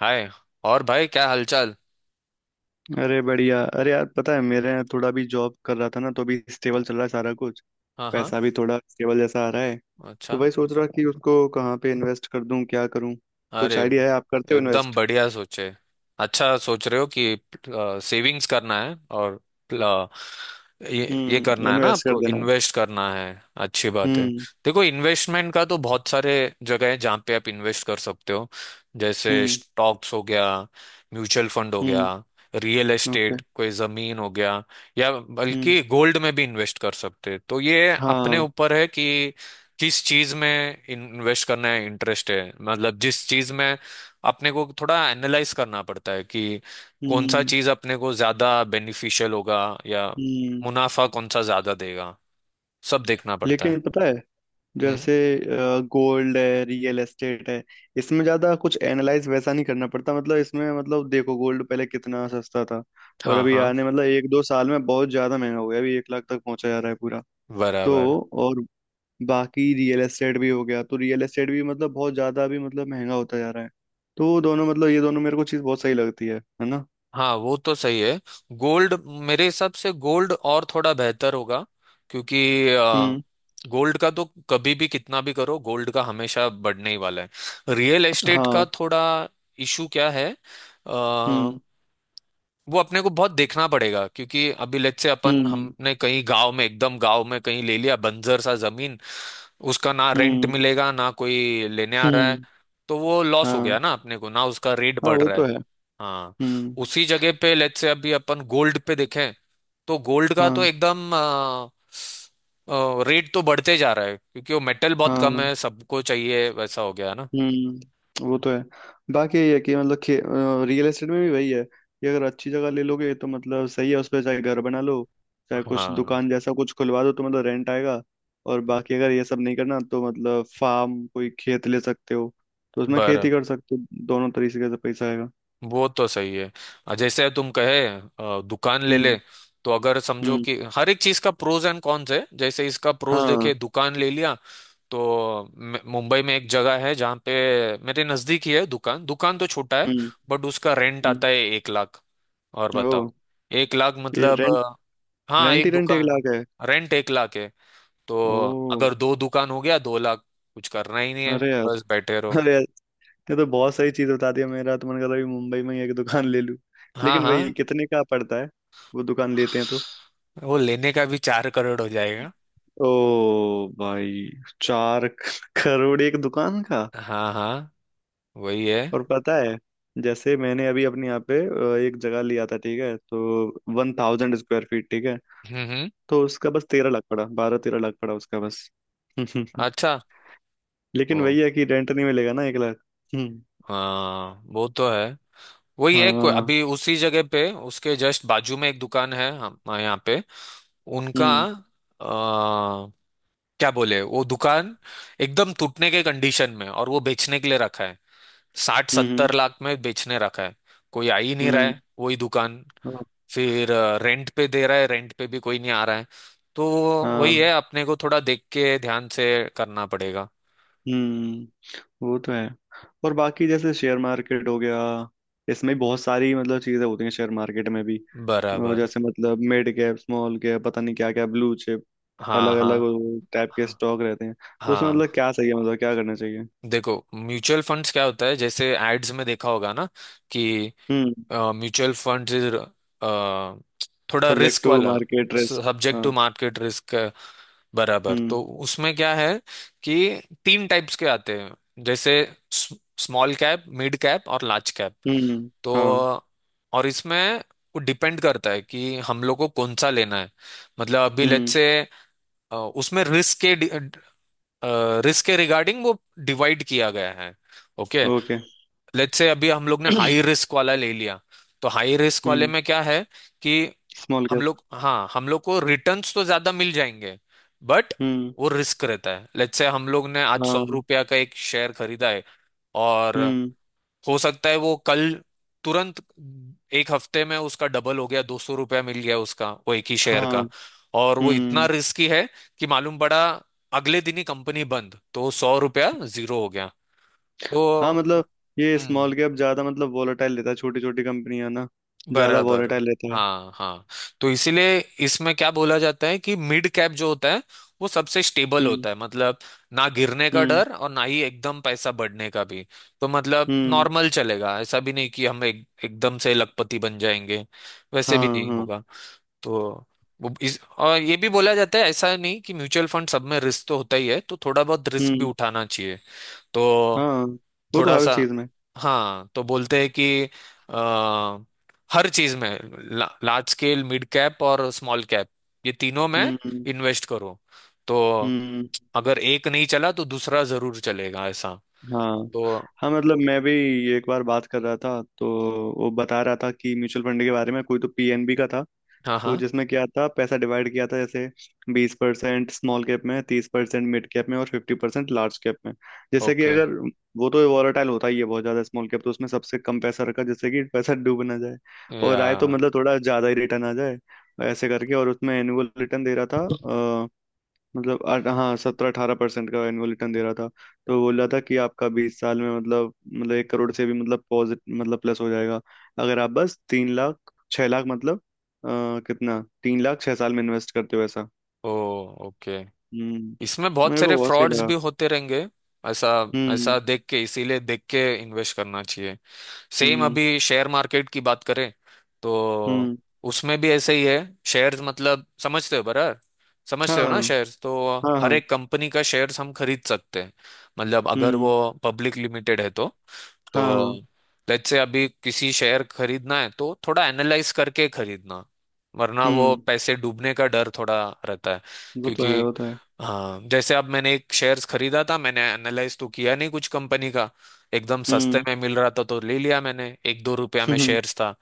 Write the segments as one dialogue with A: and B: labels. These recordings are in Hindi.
A: हाय। और भाई, क्या हालचाल।
B: अरे बढ़िया। अरे यार, पता है मेरे यहाँ थोड़ा भी जॉब कर रहा था ना, तो अभी स्टेबल चल रहा है सारा कुछ।
A: हाँ, हाँ।
B: पैसा भी थोड़ा स्टेबल जैसा आ रहा है। तो
A: अच्छा।
B: वही सोच रहा कि उसको कहाँ पे इन्वेस्ट कर दूं, क्या करूं। कुछ
A: अरे,
B: आइडिया है? आप करते हो
A: एकदम
B: इन्वेस्ट?
A: बढ़िया सोचे। अच्छा, सोच रहे हो कि सेविंग्स करना है और आ, ये
B: हम्म।
A: करना है ना,
B: इन्वेस्ट कर
A: आपको
B: देना है।
A: इन्वेस्ट करना है। अच्छी बात है।
B: हम्म।
A: देखो, इन्वेस्टमेंट का तो बहुत सारे जगह है जहाँ पे आप इन्वेस्ट कर सकते हो। जैसे
B: हम्म।
A: स्टॉक्स हो गया, म्यूचुअल फंड हो गया,
B: हम्म।
A: Real
B: okay.
A: एस्टेट कोई जमीन हो गया, या
B: हम्म।
A: बल्कि गोल्ड में भी इन्वेस्ट कर सकते हैं। तो ये अपने
B: हाँ।
A: ऊपर है कि जिस चीज में इन्वेस्ट करना है, इंटरेस्ट है मतलब जिस चीज में। अपने को थोड़ा एनालाइज करना पड़ता है कि कौन सा
B: हम्म।
A: चीज अपने को ज्यादा बेनिफिशियल होगा, या
B: हम्म।
A: मुनाफा कौन सा ज्यादा देगा, सब देखना पड़ता है।
B: लेकिन पता है,
A: हम्म।
B: जैसे गोल्ड है, रियल एस्टेट है, इसमें ज्यादा कुछ एनालाइज वैसा नहीं करना पड़ता। मतलब इसमें, मतलब देखो, गोल्ड पहले कितना सस्ता था। और
A: हाँ,
B: अभी
A: हाँ,
B: आने मतलब एक दो साल में बहुत ज्यादा महंगा हो गया। अभी 1 लाख तक पहुंचा जा रहा है पूरा।
A: बराबर।
B: तो, और, बाकी रियल एस्टेट भी हो गया, तो रियल एस्टेट भी मतलब बहुत ज्यादा भी मतलब महंगा होता जा रहा है। तो वो दोनों मतलब ये दोनों मेरे को चीज बहुत सही लगती है ना?
A: हाँ, वो तो सही है। गोल्ड, मेरे हिसाब से गोल्ड और थोड़ा बेहतर होगा, क्योंकि
B: हम्म।
A: गोल्ड का तो कभी भी कितना भी करो, गोल्ड का हमेशा बढ़ने ही वाला है। रियल एस्टेट का
B: हाँ।
A: थोड़ा इशू क्या है,
B: हम्म।
A: वो अपने को बहुत देखना पड़ेगा क्योंकि अभी लेट से अपन
B: हम्म।
A: हमने कहीं गांव में, एकदम गांव में कहीं ले लिया बंजर सा जमीन। उसका ना रेंट
B: हम्म।
A: मिलेगा, ना कोई लेने आ रहा है।
B: हम्म।
A: तो वो लॉस हो गया
B: हाँ।
A: ना अपने को, ना उसका रेट
B: हाँ,
A: बढ़
B: वो
A: रहा
B: तो
A: है।
B: है।
A: हाँ।
B: हम्म।
A: उसी जगह पे लेट से अभी अपन गोल्ड पे देखें, तो गोल्ड का तो
B: हाँ।
A: एकदम रेट तो बढ़ते जा रहा है क्योंकि वो मेटल बहुत
B: हाँ।
A: कम
B: हाँ।
A: है, सबको चाहिए वैसा हो गया ना।
B: हम्म, वो तो है। बाकी ये है कि मतलब रियल एस्टेट में भी वही है कि अगर अच्छी जगह ले लोगे तो मतलब सही है। उस पर चाहे घर बना लो, चाहे कुछ
A: हाँ।
B: दुकान जैसा कुछ खुलवा दो, तो मतलब रेंट आएगा। और बाकी अगर ये सब नहीं करना, तो मतलब फार्म कोई खेत ले सकते हो, तो उसमें
A: बर
B: खेती कर सकते हो। दोनों तरीके से पैसा आएगा।
A: वो तो सही है। जैसे तुम कहे दुकान ले ले,
B: हम्म।
A: तो अगर समझो
B: हम्म।
A: कि हर एक चीज का प्रोज एंड कॉन्स है। जैसे इसका प्रोज
B: हाँ।
A: देखे, दुकान ले लिया। तो मुंबई में एक जगह है जहाँ पे, मेरे नजदीक ही है दुकान। दुकान तो छोटा है,
B: हम्म।
A: बट उसका रेंट
B: हम्म।
A: आता है 1 लाख। और
B: ओ।
A: बताओ, 1 लाख
B: ये
A: मतलब
B: रेंट?
A: हाँ,
B: रेंट
A: एक
B: ही रेंट एक
A: दुकान।
B: लाख है?
A: रेंट 1 लाख है। तो
B: ओ।
A: अगर दो दुकान हो गया, 2 लाख। कुछ करना ही नहीं है,
B: अरे यार!
A: बस बैठे रहो।
B: अरे यार, ये तो बहुत सही चीज बता दिया। मेरा तो मन कर रहा है कि मुंबई में ही एक दुकान ले लूं।
A: हाँ,
B: लेकिन वही,
A: हाँ।
B: कितने का पड़ता है वो दुकान लेते हैं तो?
A: वो लेने का भी 4 करोड़ हो जाएगा।
B: ओ भाई। 4 करोड़ एक दुकान का?
A: हाँ, हाँ, वही है।
B: और पता है, जैसे मैंने अभी अपने यहाँ पे एक जगह लिया था, ठीक है, तो 1000 स्क्वायर फीट, ठीक है,
A: हम्म, हम्म।
B: तो उसका बस 13 लाख पड़ा, 12-13 लाख पड़ा उसका बस।
A: अच्छा।
B: लेकिन
A: वो,
B: वही है कि रेंट नहीं मिलेगा ना 1 लाख। हम्म।
A: हाँ वो तो है। वही है।
B: हाँ।
A: अभी उसी जगह पे उसके जस्ट बाजू में एक दुकान है हम, हाँ, यहाँ पे। उनका
B: हम्म।
A: आ, क्या बोले, वो दुकान एकदम टूटने के कंडीशन में, और वो बेचने के लिए रखा है। साठ
B: हम्म।
A: सत्तर लाख में बेचने रखा है। कोई आ ही नहीं रहा
B: हम्म।
A: है वही दुकान।
B: हाँ।
A: फिर रेंट पे दे रहा है, रेंट पे भी कोई नहीं आ रहा है तो।
B: हाँ।
A: वही है, अपने को थोड़ा देख के ध्यान से करना पड़ेगा।
B: हम्म, वो तो है। और बाकी जैसे शेयर मार्केट हो गया, इसमें बहुत सारी मतलब चीजें होती हैं शेयर मार्केट में भी। और
A: बराबर।
B: जैसे मतलब मिड कैप, स्मॉल कैप, पता नहीं क्या क्या, ब्लू चिप,
A: हाँ,
B: अलग
A: हाँ,
B: अलग टाइप के
A: हाँ,
B: स्टॉक रहते हैं। तो उसमें मतलब
A: हाँ।
B: क्या सही है, मतलब क्या करना चाहिए?
A: देखो, म्यूचुअल फंड्स क्या होता है, जैसे एड्स में देखा होगा ना कि
B: हम्म।
A: म्यूचुअल फंड्स इज थोड़ा
B: सब्जेक्ट
A: रिस्क
B: टू
A: वाला,
B: मार्केट रिस्क।
A: सब्जेक्ट
B: हाँ।
A: To market risk. बराबर।
B: हम्म।
A: तो उसमें क्या है, कि तीन टाइप्स के आते हैं, जैसे स्मॉल कैप, मिड कैप और लार्ज कैप,
B: हम्म।
A: तो।
B: हाँ।
A: और इसमें वो डिपेंड करता है कि हम लोग को कौन सा लेना है। मतलब अभी लेट्स
B: हम्म।
A: से उसमें रिस्क के रिगार्डिंग वो डिवाइड किया गया है। Okay,
B: okay.
A: लेट्स से अभी हम लोग ने हाई रिस्क वाला ले लिया, तो हाई रिस्क वाले
B: हम्म।
A: में क्या है कि
B: स्मॉल
A: हम
B: कैप।
A: लोग, हाँ, हम लोग को रिटर्न्स तो ज्यादा मिल जाएंगे, बट
B: हम्म।
A: वो रिस्क रहता है। लेट्स से हम लोग ने आज सौ
B: हाँ।
A: रुपया का एक शेयर खरीदा है, और
B: हम्म।
A: हो सकता है वो कल, तुरंत, एक हफ्ते में उसका डबल हो गया, 200 रुपया मिल गया उसका, वो एक ही शेयर
B: हाँ।
A: का। और वो इतना
B: हम्म।
A: रिस्की है कि मालूम पड़ा अगले दिन ही कंपनी बंद, तो 100 रुपया जीरो हो गया,
B: हाँ,
A: तो।
B: मतलब ये
A: हम्म,
B: स्मॉल कैप ज्यादा मतलब वॉलेटाइल रहता है, छोटी छोटी कंपनियां ना। ज्यादा
A: बराबर।
B: वॉलेटाइल रहता है।
A: हाँ, हाँ। तो इसीलिए इसमें क्या बोला जाता है कि मिड कैप जो होता है, वो सबसे स्टेबल
B: हम्म।
A: होता है, मतलब ना गिरने का
B: हम्म।
A: डर और ना ही एकदम पैसा बढ़ने का भी। तो मतलब
B: हम्म।
A: नॉर्मल चलेगा, ऐसा भी नहीं कि हम एकदम से लखपति बन जाएंगे। वैसे भी
B: हाँ।
A: नहीं
B: हाँ।
A: होगा। तो वो इस, और ये भी बोला जाता है, ऐसा नहीं कि म्यूचुअल फंड सब में रिस्क तो होता ही है, तो थोड़ा बहुत रिस्क भी
B: हम्म।
A: उठाना चाहिए, तो।
B: हाँ, वो तो
A: थोड़ा
B: हर
A: सा।
B: चीज में।
A: हाँ, तो बोलते हैं कि आ, हर चीज में लार्ज स्केल, मिड कैप और स्मॉल कैप, ये तीनों में
B: हम्म।
A: इन्वेस्ट करो, तो
B: हम्म।
A: अगर एक नहीं चला तो दूसरा जरूर चलेगा, ऐसा
B: हाँ।
A: तो।
B: हाँ, मतलब मैं भी एक बार बात कर रहा था तो वो बता रहा था कि म्यूचुअल फंड के बारे में। कोई तो PNB का था।
A: हाँ,
B: तो
A: हाँ।
B: जिसमें क्या था, पैसा डिवाइड किया था, जैसे 20% स्मॉल कैप में, 30% मिड कैप में, और 50% लार्ज कैप में। जैसे कि
A: ओके।
B: अगर वो तो वॉलेटाइल होता ही है बहुत ज्यादा स्मॉल कैप, तो उसमें सबसे कम पैसा रखा, जैसे कि पैसा डूब ना जाए और आए तो
A: या,
B: मतलब थोड़ा ज्यादा ही रिटर्न आ जाए। ऐसे करके। और उसमें एनुअल रिटर्न दे रहा था, मतलब हाँ 17-18% का एनुअल रिटर्न दे रहा था। तो बोल रहा था कि आपका 20 साल में मतलब 1 करोड़ से भी मतलब पॉजिटिव, मतलब प्लस हो जाएगा, अगर आप बस 3 लाख 6 लाख मतलब अ, कितना, 3 लाख 6 साल में इन्वेस्ट करते हो ऐसा।
A: ओ, ओके।
B: हम्म,
A: इसमें बहुत
B: मेरे को
A: सारे
B: बहुत सही
A: फ्रॉड्स
B: लगा।
A: भी होते रहेंगे, ऐसा
B: हम्म।
A: ऐसा देख के, इसीलिए देख के इन्वेस्ट करना चाहिए। सेम
B: हम्म।
A: अभी शेयर मार्केट की बात करें, तो
B: हम्म।
A: उसमें भी ऐसे ही है। शेयर्स मतलब समझते हो, बराबर, समझते हो ना
B: हाँ।
A: शेयर्स, तो
B: हाँ।
A: हर
B: हाँ।
A: एक कंपनी का शेयर्स हम खरीद सकते हैं, मतलब अगर
B: हम्म।
A: वो पब्लिक लिमिटेड है तो
B: हाँ।
A: तो
B: हाँ।
A: लेट्स से अभी किसी शेयर खरीदना है, तो थोड़ा एनालाइज करके खरीदना, वरना वो
B: हम्म।
A: पैसे डूबने का डर थोड़ा रहता है
B: वो तो
A: क्योंकि,
B: है, वो तो है।
A: हाँ। जैसे अब मैंने एक शेयर्स खरीदा था, मैंने एनालाइज तो किया नहीं कुछ कंपनी का, एकदम सस्ते
B: हम्म।
A: में मिल रहा था तो ले लिया मैंने, एक दो रुपया में
B: हम्म।
A: शेयर्स था।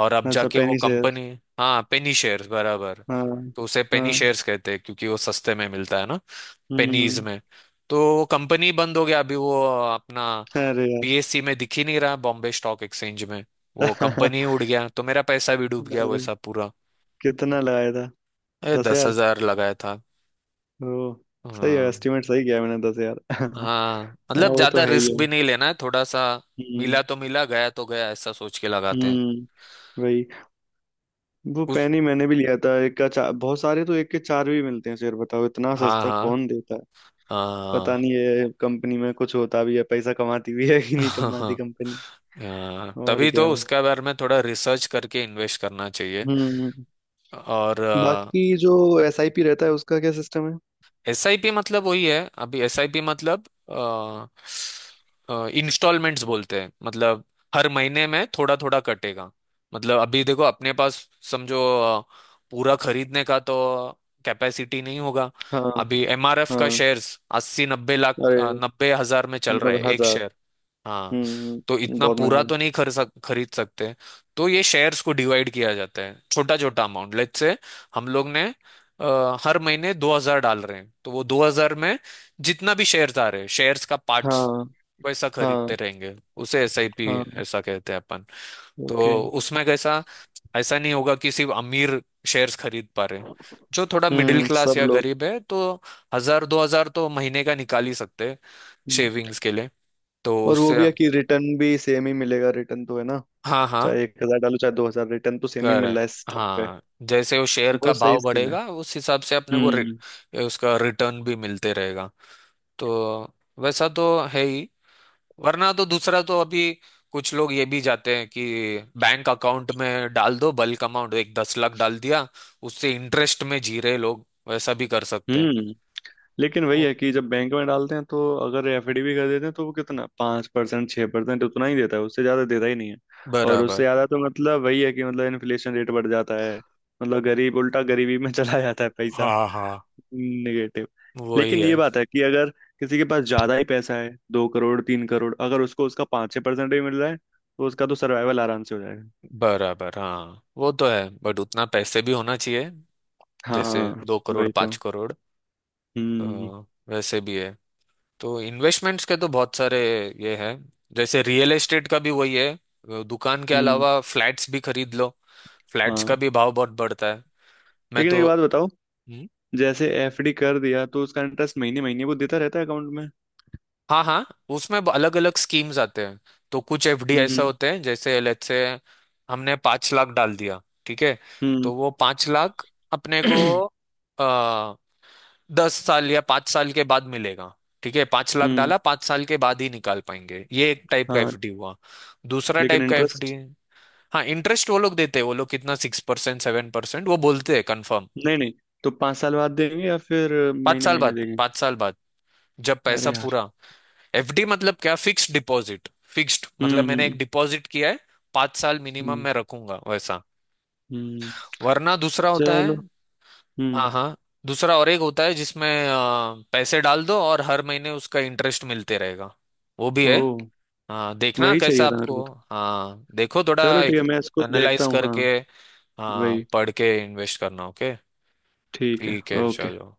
A: और अब
B: अच्छा,
A: जाके वो
B: पेनी शेयर।
A: कंपनी। हाँ, पेनी शेयर्स, बराबर।
B: हाँ।
A: तो उसे पेनी
B: हाँ।
A: शेयर्स कहते हैं, क्योंकि वो सस्ते में मिलता है ना, पेनीज
B: हम्म।
A: में। तो वो कंपनी बंद हो गया अभी, वो अपना
B: अरे यार।
A: PSC में दिख ही नहीं रहा, बॉम्बे स्टॉक एक्सचेंज में। वो कंपनी उड़ गया, तो मेरा पैसा भी डूब गया
B: अरे,
A: वैसा पूरा।
B: कितना लगाया था?
A: अरे,
B: दस
A: दस
B: हजार
A: हजार लगाया था।
B: ओ। सही है,
A: हाँ,
B: एस्टिमेट सही किया मैंने। 10 हजार। हाँ।
A: हाँ, मतलब
B: वो तो
A: ज्यादा
B: है ही
A: रिस्क भी
B: है।
A: नहीं लेना है, थोड़ा सा।
B: हम्म।
A: मिला तो मिला, गया तो गया, ऐसा सोच के लगाते हैं।
B: हम्म। वही। वो
A: उस
B: पेन ही मैंने भी लिया था, एक का चार, बहुत सारे तो एक के चार भी मिलते हैं शेयर, बताओ इतना
A: हाँ,
B: सस्ता
A: हाँ,
B: कौन देता है।
A: हाँ,
B: पता नहीं ये कंपनी में कुछ होता भी है, पैसा कमाती भी है कि नहीं
A: हाँ।
B: कमाती कंपनी।
A: हाँ,
B: और
A: तभी
B: क्या।
A: तो उसके बारे में थोड़ा रिसर्च करके इन्वेस्ट करना चाहिए।
B: हम्म।
A: और,
B: बाकी जो SIP रहता है, उसका क्या सिस्टम है?
A: SIP मतलब वही है। अभी SIP मतलब इंस्टॉलमेंट्स बोलते हैं, मतलब हर महीने में थोड़ा थोड़ा कटेगा। मतलब अभी देखो अपने पास, समझो पूरा खरीदने का तो कैपेसिटी नहीं होगा।
B: हाँ।
A: अभी MRF का
B: हाँ।
A: शेयर्स 80-90 लाख,
B: अरे,
A: 90,000 में चल रहा
B: नब्बे
A: है एक
B: हजार
A: शेयर। हाँ, तो
B: हम्म,
A: इतना
B: बहुत महंगा
A: पूरा
B: है।
A: तो नहीं खरीद सकते। तो ये शेयर्स को डिवाइड किया जाता है, छोटा छोटा अमाउंट। लेट्स से हम लोग ने हर महीने 2000 डाल रहे हैं, तो वो 2000 में जितना भी शेयर्स आ रहे हैं, शेयर्स का पार्ट्स
B: हाँ।
A: वैसा खरीदते
B: हाँ।
A: रहेंगे। उसे SIP
B: हाँ।
A: ऐसा कहते हैं अपन। तो
B: ओके।
A: उसमें कैसा, ऐसा नहीं होगा कि सिर्फ अमीर शेयर्स खरीद पा रहे हैं। जो थोड़ा मिडिल
B: हम्म।
A: क्लास
B: सब
A: या
B: लोग।
A: गरीब है, तो हजार दो हजार तो महीने का निकाल ही सकते हैं,
B: हम्म।
A: शेविंग्स के लिए। तो
B: और वो
A: उससे,
B: भी है कि रिटर्न भी सेम ही मिलेगा, रिटर्न तो है ना,
A: हाँ, हाँ,
B: चाहे 1 हजार डालो चाहे 2 हजार, रिटर्न तो सेम ही
A: कर
B: मिल
A: है।
B: रहा है स्टॉक पे।
A: हाँ, जैसे वो शेयर का
B: बहुत सही
A: भाव
B: स्कीम है।
A: बढ़ेगा, उस हिसाब से अपने को
B: हम्म।
A: उसका रिटर्न भी मिलते रहेगा। तो वैसा तो है ही। वरना तो दूसरा तो, अभी कुछ लोग ये भी जाते हैं कि बैंक अकाउंट में डाल दो बल्क अमाउंट, एक 10 लाख डाल दिया, उससे इंटरेस्ट में जी रहे लोग वैसा भी कर सकते हैं।
B: हम्म। लेकिन वही
A: ओ,
B: है कि जब बैंक में डालते हैं तो अगर एफडी भी कर देते हैं, तो वो कितना, 5%, 6% उतना ही देता है, उससे ज़्यादा देता ही नहीं है। और उससे
A: बराबर।
B: ज़्यादा तो मतलब वही है कि मतलब इन्फ्लेशन रेट बढ़ जाता है, मतलब गरीब उल्टा गरीबी में चला जाता है पैसा।
A: हाँ, हाँ,
B: निगेटिव।
A: वही
B: लेकिन ये
A: है।
B: बात है कि अगर किसी के पास ज़्यादा ही पैसा है, 2 करोड़, 3 करोड़, अगर उसको उसका 5-6% भी मिल रहा है, तो उसका तो सर्वाइवल आराम से हो जाएगा।
A: बराबर, हाँ वो तो है, बट उतना पैसे भी होना चाहिए। जैसे
B: हाँ।
A: दो करोड़
B: वही तो।
A: पांच करोड़
B: हम्म।
A: तो वैसे भी है। तो इन्वेस्टमेंट्स के तो बहुत सारे ये हैं, जैसे रियल एस्टेट का भी वही है, वो दुकान के
B: हम्म।
A: अलावा फ्लैट्स भी खरीद लो। फ्लैट्स
B: हाँ।
A: का भी भाव बहुत बढ़ता है। मैं
B: लेकिन
A: तो,
B: एक बात बताओ, जैसे एफडी कर दिया, तो उसका इंटरेस्ट महीने महीने वो देता रहता है अकाउंट में?
A: हाँ, हाँ, उसमें अलग अलग स्कीम्स आते हैं, तो कुछ एफडी
B: हम्म।
A: ऐसा
B: हम्म।
A: होते हैं, जैसे लेट्स से हमने 5 लाख डाल दिया, ठीक है,
B: हम्म।
A: तो वो 5 लाख अपने को आ, 10 साल या 5 साल के बाद मिलेगा। ठीक है, 5 लाख
B: हम्म।
A: डाला, 5 साल के बाद ही निकाल पाएंगे, ये एक टाइप का
B: हाँ।
A: एफडी हुआ। दूसरा
B: लेकिन
A: टाइप का एफडी,
B: इंटरेस्ट?
A: हाँ, इंटरेस्ट वो लोग देते हैं, वो लोग कितना 6% 7% वो बोलते हैं, कंफर्म।
B: नहीं नहीं, तो 5 साल बाद देंगे या फिर
A: पांच
B: महीने
A: साल
B: महीने
A: बाद,
B: देंगे?
A: 5 साल बाद, जब पैसा
B: अरे यार।
A: पूरा। एफडी मतलब क्या, फिक्स्ड डिपॉजिट। फिक्स्ड मतलब
B: हम्म।
A: मैंने एक
B: हम्म।
A: डिपॉजिट किया है, 5 साल मिनिमम
B: हम्म।
A: मैं रखूंगा वैसा।
B: हम्म।
A: वरना दूसरा होता है।
B: चलो।
A: हाँ,
B: हम्म।
A: हाँ। दूसरा और एक होता है जिसमें पैसे डाल दो और हर महीने उसका इंटरेस्ट मिलते रहेगा, वो भी है।
B: ओ,
A: हाँ, देखना
B: वही
A: कैसा
B: चाहिए था मेरे
A: आपको।
B: को तो।
A: हाँ, देखो थोड़ा
B: चलो, ठीक है, मैं इसको देखता
A: एनालाइज
B: हूँ। हाँ,
A: करके। हाँ,
B: वही।
A: पढ़ के इन्वेस्ट करना। ओके,
B: ठीक है।
A: ठीक है,
B: ओके।
A: चलो।